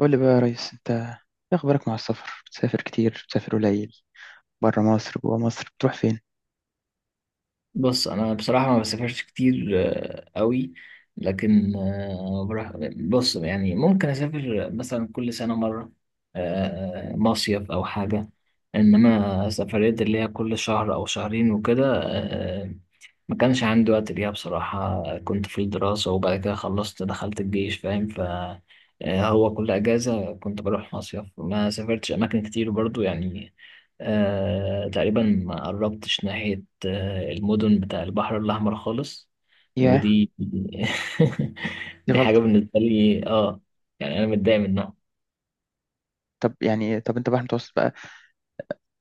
قول لي بقى يا ريس، انت ايه اخبارك مع السفر؟ بتسافر كتير بتسافر قليل؟ بره مصر جوه مصر بتروح فين؟ بص، انا بصراحه ما بسافرش كتير، قوي. لكن بروح، بص يعني ممكن اسافر مثلا كل سنه مره، مصيف او حاجه. انما سفريات اللي هي كل شهر او شهرين وكده، ما كانش عندي وقت ليها بصراحه. كنت في الدراسه، وبعد كده خلصت دخلت الجيش، فاهم. ف آه، هو كل اجازه كنت بروح مصيف، ما سافرتش اماكن كتير برضو، يعني. تقريبا ما قربتش ناحية المدن بتاع البحر الأحمر خالص. ياه. ودي دي دي حاجة غلطة. بالنسبة لي، اه. يعني أنا متضايق منها. طب يعني إيه؟ طب انت بحر المتوسط بقى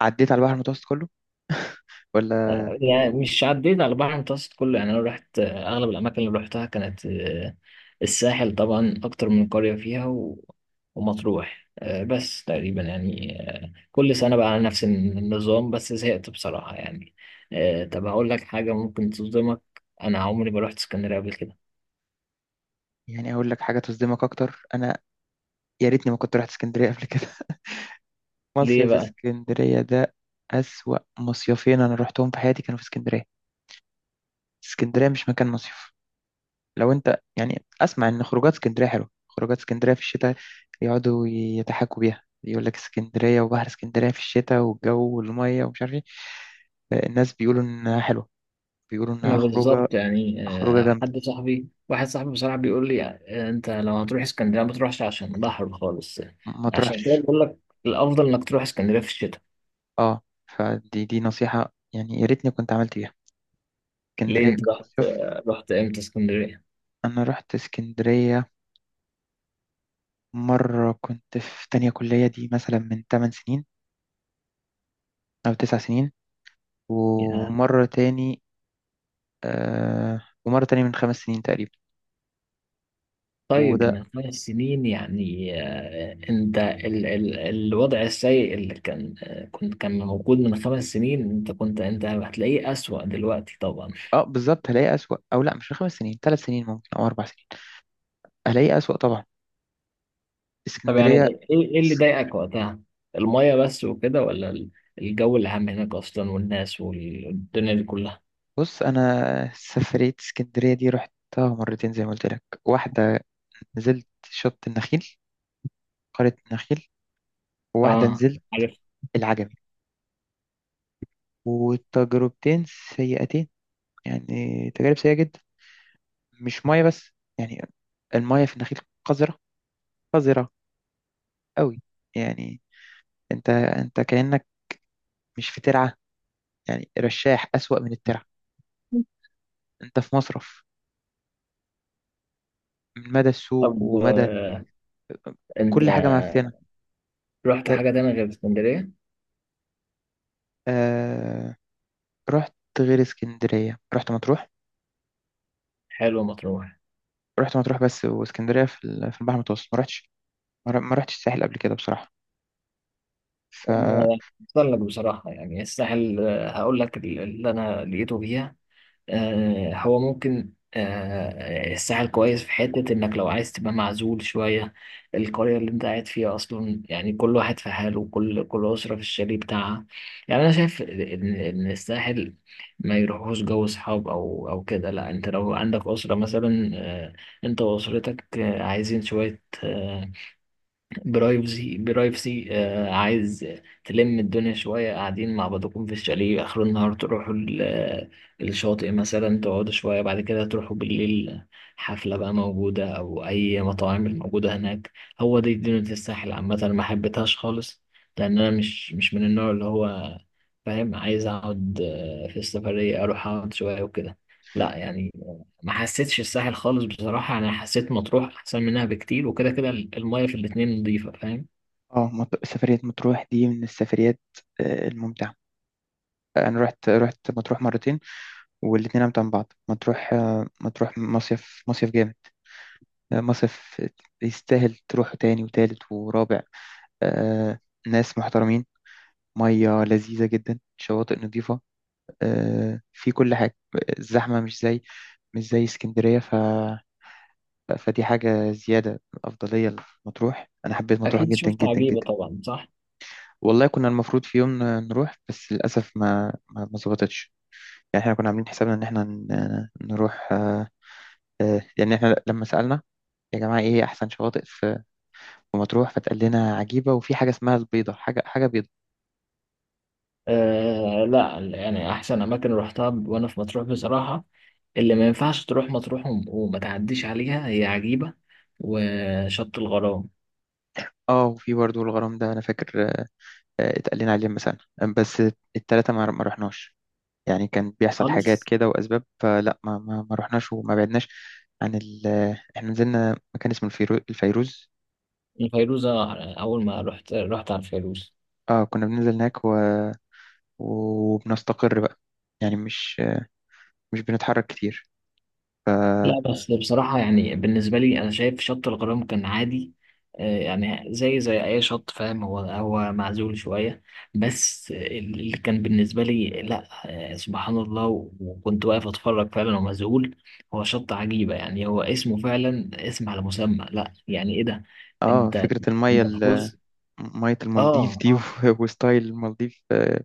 عديت على البحر المتوسط كله؟ ولا يعني مش عديت على البحر المتوسط كله، يعني أنا رحت، أغلب الأماكن اللي رحتها كانت، الساحل طبعا، أكتر من قرية فيها ومطروح، بس تقريبا يعني، كل سنة بقى على نفس النظام، بس زهقت بصراحة، يعني. طب هقول لك حاجة ممكن تصدمك. أنا عمري ما رحت اسكندرية قبل كده. يعني اقول لك حاجة تصدمك اكتر، انا يا ريتني ما كنت رحت اسكندرية قبل كده. ليه مصيف بقى؟ اسكندرية ده اسوأ مصيفين انا رحتهم في حياتي كانوا في اسكندرية. اسكندرية مش مكان مصيف. لو انت يعني اسمع ان خروجات اسكندريه حلوه، خروجات اسكندريه في الشتاء، يقعدوا يتحكوا بيها، يقول لك اسكندريه وبحر اسكندريه في الشتاء والجو والميه ومش عارف ايه. الناس بيقولوا انها حلوه، بيقولوا ما انها خروجه. بالظبط، يعني خروجه جامده، حد صاحبي واحد صاحبي بصراحة بيقول لي، انت لو هتروح اسكندرية ما تروحش عشان بحر خالص. ما عشان كده تروحش. بقول لك، الأفضل انك تروح اسكندرية في الشتاء. اه، فدي دي نصيحه يعني يا ريتني كنت عملت بيها. ليه اسكندريه انت كمصيف، رحت امتى اسكندرية؟ انا رحت اسكندريه مره كنت في تانية كليه دي مثلا من 8 سنين او 9 سنين. يا ومره تاني، ومره تاني من خمس سنين تقريبا. طيب، وده من 5 سنين يعني انت ال الوضع السيء اللي كان، كان موجود من 5 سنين، انت هتلاقيه أسوأ دلوقتي طبعا. اه بالظبط هلاقي اسوأ، او لا مش خمس سنين، ثلاث سنين ممكن او اربع سنين. هلاقي اسوأ طبعا طب يعني اسكندرية. ايه؟ ايه اللي ضايقك وقتها؟ المية بس وكده، ولا الجو العام هناك اصلا والناس والدنيا دي كلها؟ بص انا سفرية اسكندرية دي رحتها مرتين زي ما قلت لك. واحدة نزلت شط النخيل، قرية النخيل، وواحدة اه، نزلت عارف. العجمي. والتجربتين سيئتين، يعني تجارب سيئة جدا. مش مية بس، يعني المية في النخيل قذرة، قذرة قوي. يعني انت كأنك مش في ترعة، يعني رشاح أسوأ من الترعة، انت في مصرف من مدى السوق طب، ومدى انت كل حاجة معفنة. رحت ده- حاجة تانية غير اسكندرية؟ آه، رحت غير اسكندرية رحت مطروح. حلوة مطروح. رحت مطروح، بس واسكندرية في في البحر المتوسط ما رحتش. ما رحتش الساحل قبل كده بصراحة. ف آه، أحسن لك بصراحة، يعني الساحل، هقول لك اللي أنا لقيته فيها. هو ممكن، الساحل كويس في حتة إنك لو عايز تبقى معزول شوية. القرية اللي أنت قاعد فيها أصلا، يعني كل واحد في حاله، وكل أسرة في الشاليه بتاعها. يعني أنا شايف إن الساحل ما يروحوش جو صحاب أو كده. لا، أنت لو عندك أسرة مثلا، أنت وأسرتك، عايزين شوية، برايفسي، عايز تلم الدنيا شوية، قاعدين مع بعضكم في الشاليه، آخر النهار تروحوا الشاطئ مثلا، تقعدوا شوية، بعد كده تروحوا بالليل حفلة بقى موجودة أو أي مطاعم موجودة هناك. هو دي دنيا الساحل عامة، أنا ما حبيتهاش خالص. لأن أنا مش من النوع اللي هو، فاهم، عايز أقعد، في السفرية أروح أقعد شوية وكده، لا يعني. ما حسيتش الساحل خالص بصراحة، أنا حسيت مطروح أحسن منها بكتير، وكده كده المية في الاتنين نضيفة، فاهم. اه سفرية مطروح دي من السفريات الممتعة. انا رحت مطروح مرتين والاتنين امتع من بعض. مطروح، مطروح مصيف، جامد. مصيف يستاهل تروح تاني وتالت ورابع. آه، ناس محترمين، مية لذيذة جدا، شواطئ نظيفة، في كل حاجة. الزحمة مش زي، مش زي اسكندرية، ف... فدي حاجة زيادة، أفضلية لمطروح. أنا حبيت مطروح أكيد جدا شفت جدا عجيبة جدا. طبعا، صح؟ والله كنا المفروض في يوم نروح بس للأسف ما ظبطتش. يعني احنا كنا عاملين حسابنا إن احنا نروح يعني احنا لما سألنا يا جماعة إيه أحسن شواطئ في في مطروح، فتقال لنا عجيبة وفي حاجة اسمها البيضة، حاجة بيضة. لا، يعني أحسن أماكن روحتها وأنا في مطروح بصراحة. اللي ما ينفعش تروح مطروح وما تعديش عليها هي عجيبة وشط الغرام اه، وفي برضه الغرام ده أنا فاكر اتقال لنا عليه مثلا. بس التلاتة ما رحناش، يعني كان بيحصل حاجات خالص. كده وأسباب، فلا ما رحناش وما بعدناش عن ال احنا نزلنا مكان اسمه الفيروز. الفيروزة أول ما رحت على الفيروز. اه كنا بننزل هناك و... وبنستقر بقى، يعني مش بنتحرك كتير. ف لا، بس بصراحة يعني بالنسبة لي أنا شايف شط الغرام كان عادي. يعني زي أي شط، فاهم، هو معزول شوية. بس اللي كان بالنسبة لي، لا، سبحان الله، وكنت واقف أتفرج فعلا ومذهول. هو شط عجيبة، يعني هو اسمه فعلا اسم على مسمى، لا يعني إيه ده. اه، أنت فكرة المية في جزء، مية المالديف آه دي آه وستايل المالديف،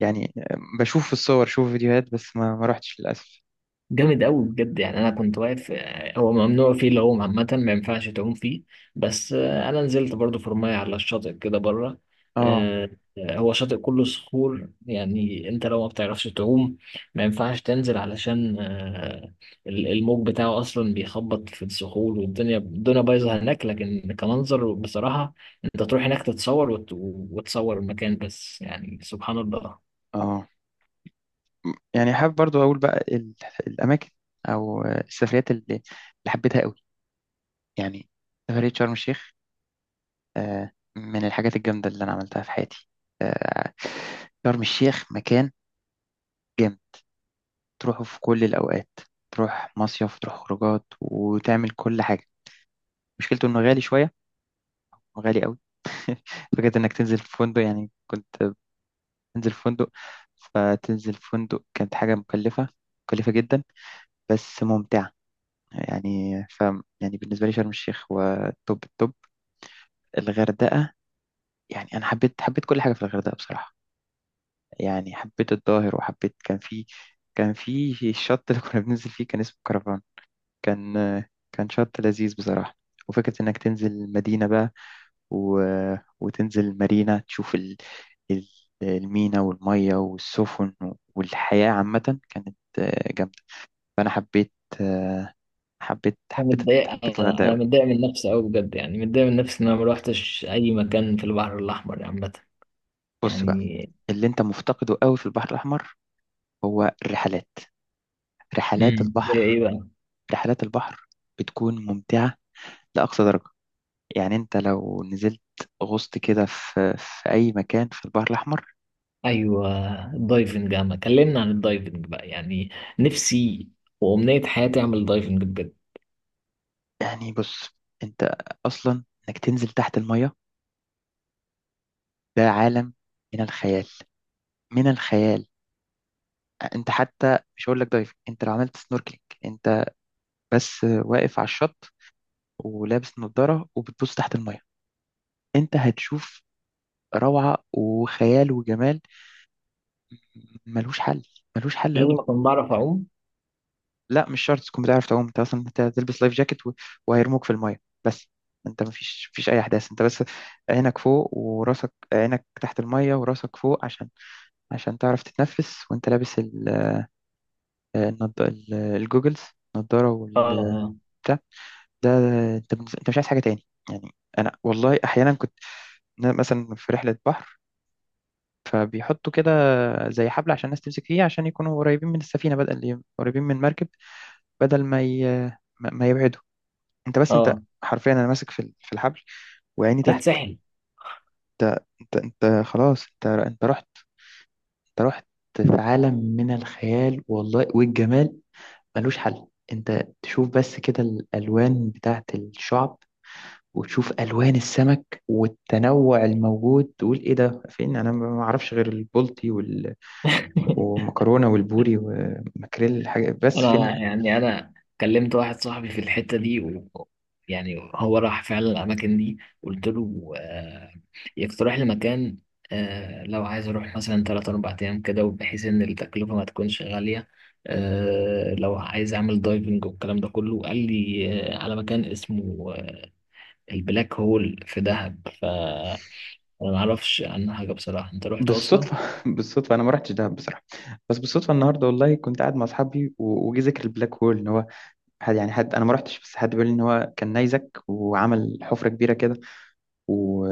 يعني بشوف في الصور، شوف فيديوهات، بس ما رحتش للأسف. جامد قوي، بجد، يعني انا كنت واقف، هو ممنوع فيه العوم عامه، ما ينفعش تعوم فيه. بس انا نزلت برضو في رماية على الشاطئ كده بره. اه، آه، هو شاطئ كله صخور، يعني انت لو ما بتعرفش تعوم ما ينفعش تنزل، علشان الموج بتاعه اصلا بيخبط في الصخور، والدنيا الدنيا بايظه هناك، لكن كمنظر بصراحه، انت تروح هناك تتصور وتصور المكان بس، يعني سبحان الله. اه، يعني حابب برضو أقول بقى الأماكن أو السفريات اللي حبيتها. يعني سفرية شرم الشيخ، آه، من الحاجات الجامدة اللي أنا عملتها في حياتي. شرم الشيخ مكان جامد، تروحه في كل الأوقات. تروح مصيف، تروح خروجات، وتعمل كل حاجة. مشكلته إنه غالي شوية، غالي قوي. فكرة إنك تنزل في فندق، يعني كنت بنزل في فندق، فتنزل في فندق كانت حاجة مكلفة، مكلفة جدا بس ممتعة. يعني ف يعني بالنسبة لي شرم الشيخ هو توب التوب. الغردقة، يعني أنا حبيت كل حاجة في الغردقة بصراحة. يعني حبيت الظاهر، وحبيت كان في كان في الشط اللي كنا بننزل فيه كان اسمه كرفان. كان كان شط لذيذ بصراحة. وفكرة إنك تنزل مدينة بقى و... وتنزل مارينا، تشوف ال- المينا والمية والسفن والحياة عامة كانت جامدة. فأنا حبيت، آه، حبيت انا حبيت متضايق حبيت انا الغردقة أنا أوي. متضايق من نفسي قوي، بجد، يعني متضايق من نفسي ان انا ما روحتش اي مكان في البحر الاحمر، يعني عامه. بص بقى، يعني اللي أنت مفتقده أوي في البحر الأحمر هو الرحلات، رحلات زي البحر. ايه بقى؟ رحلات البحر، بتكون ممتعة لأقصى درجة. يعني انت لو نزلت، غصت كده في في اي مكان في البحر الاحمر. ايوه، الدايفنج يا عم، كلمنا عن الدايفنج بقى، يعني نفسي وامنيه حياتي اعمل دايفنج بجد. يعني بص، انت اصلا انك تنزل تحت المية ده عالم من الخيال، من الخيال. انت حتى مش هقول لك دايف، انت لو عملت سنوركلينج انت بس واقف على الشط ولابس نظارة وبتبص تحت المية، انت هتشوف روعة وخيال وجمال ملوش حل، ملوش حل قوي. لازم اكون بعرف اعوم؟ لا مش شرط تكون بتعرف تعوم، انت اصلا انت هتلبس لايف جاكيت وهيرموك في المايه بس. انت مفيش اي احداث. انت بس عينك فوق وراسك، عينك تحت المايه وراسك فوق عشان تعرف تتنفس، وانت لابس الجوجلز، النضاره اه، والبتاع. اه، ده انت بالنسبة- انت مش عايز حاجه تاني يعني. انا والله احيانا كنت، مثلا في رحله بحر، فبيحطوا كده زي حبل عشان الناس تمسك فيه عشان يكونوا قريبين من السفينه، بدل قريبين من المركب، بدل ما ي... ما ما يبعدوا. انت بس انت اه. حرفيا انا ماسك في في الحبل وعيني في تحت. الساحل. انت انت انت خلاص، انت رحت، انت رحت في عالم من الخيال والله والجمال، ملوش حل. انت تشوف بس كده الالوان بتاعت الشعب، وتشوف الوان السمك والتنوع الموجود، تقول ايه ده، فين، انا ما اعرفش غير البلطي وال... والمكرونه والبوري وماكريل حاجه، بس فين؟ انا يعني انا كلمت واحد صاحبي في الحته دي يعني هو راح فعلا الاماكن دي، قلت له يقترح لي مكان، لو عايز اروح مثلا 3 4 ايام كده، وبحيث ان التكلفه ما تكونش غاليه، لو عايز اعمل دايفنج والكلام ده كله. قال لي على مكان اسمه البلاك هول في دهب، فانا ما اعرفش عنه حاجه بصراحه. انت رحت اصلا؟ بالصدفة بالصدفة، أنا ما رحتش دهب بصراحة. بس بالصدفة النهاردة والله كنت قاعد مع أصحابي وجي ذكر البلاك هول، إن هو حد يعني حد، أنا ما رحتش بس حد بيقول لي إن هو كان نيزك وعمل حفرة كبيرة كده و...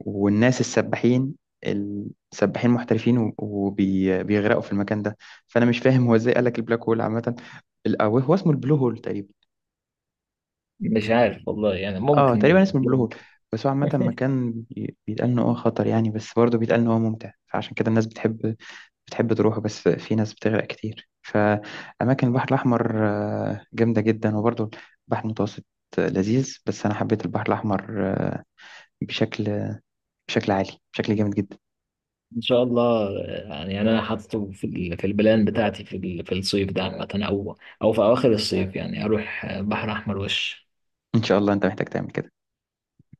والناس السباحين، محترفين وبيغرقوا في المكان ده. فأنا مش فاهم هو إزاي قال لك البلاك هول، عامة أو هو اسمه البلو هول تقريبا. مش عارف والله، يعني أه ممكن تقريبا اسمه البلو هول. بس هو عامة مكان بيتقال إن هو خطر، يعني بس برضه بيتقال إن هو ممتع، فعشان كده الناس بتحب تروحه. بس في ناس بتغرق كتير. فأماكن البحر الأحمر جامدة جدا. وبرضه البحر المتوسط لذيذ، بس أنا حبيت البحر الأحمر، بشكل بشكل عالي، بشكل جامد جدا. ان شاء الله، يعني انا حاطه في في البلان بتاعتي في في الصيف ده عامه، او في اواخر الصيف، يعني اروح بحر احمر وش إن شاء الله. أنت محتاج تعمل كده.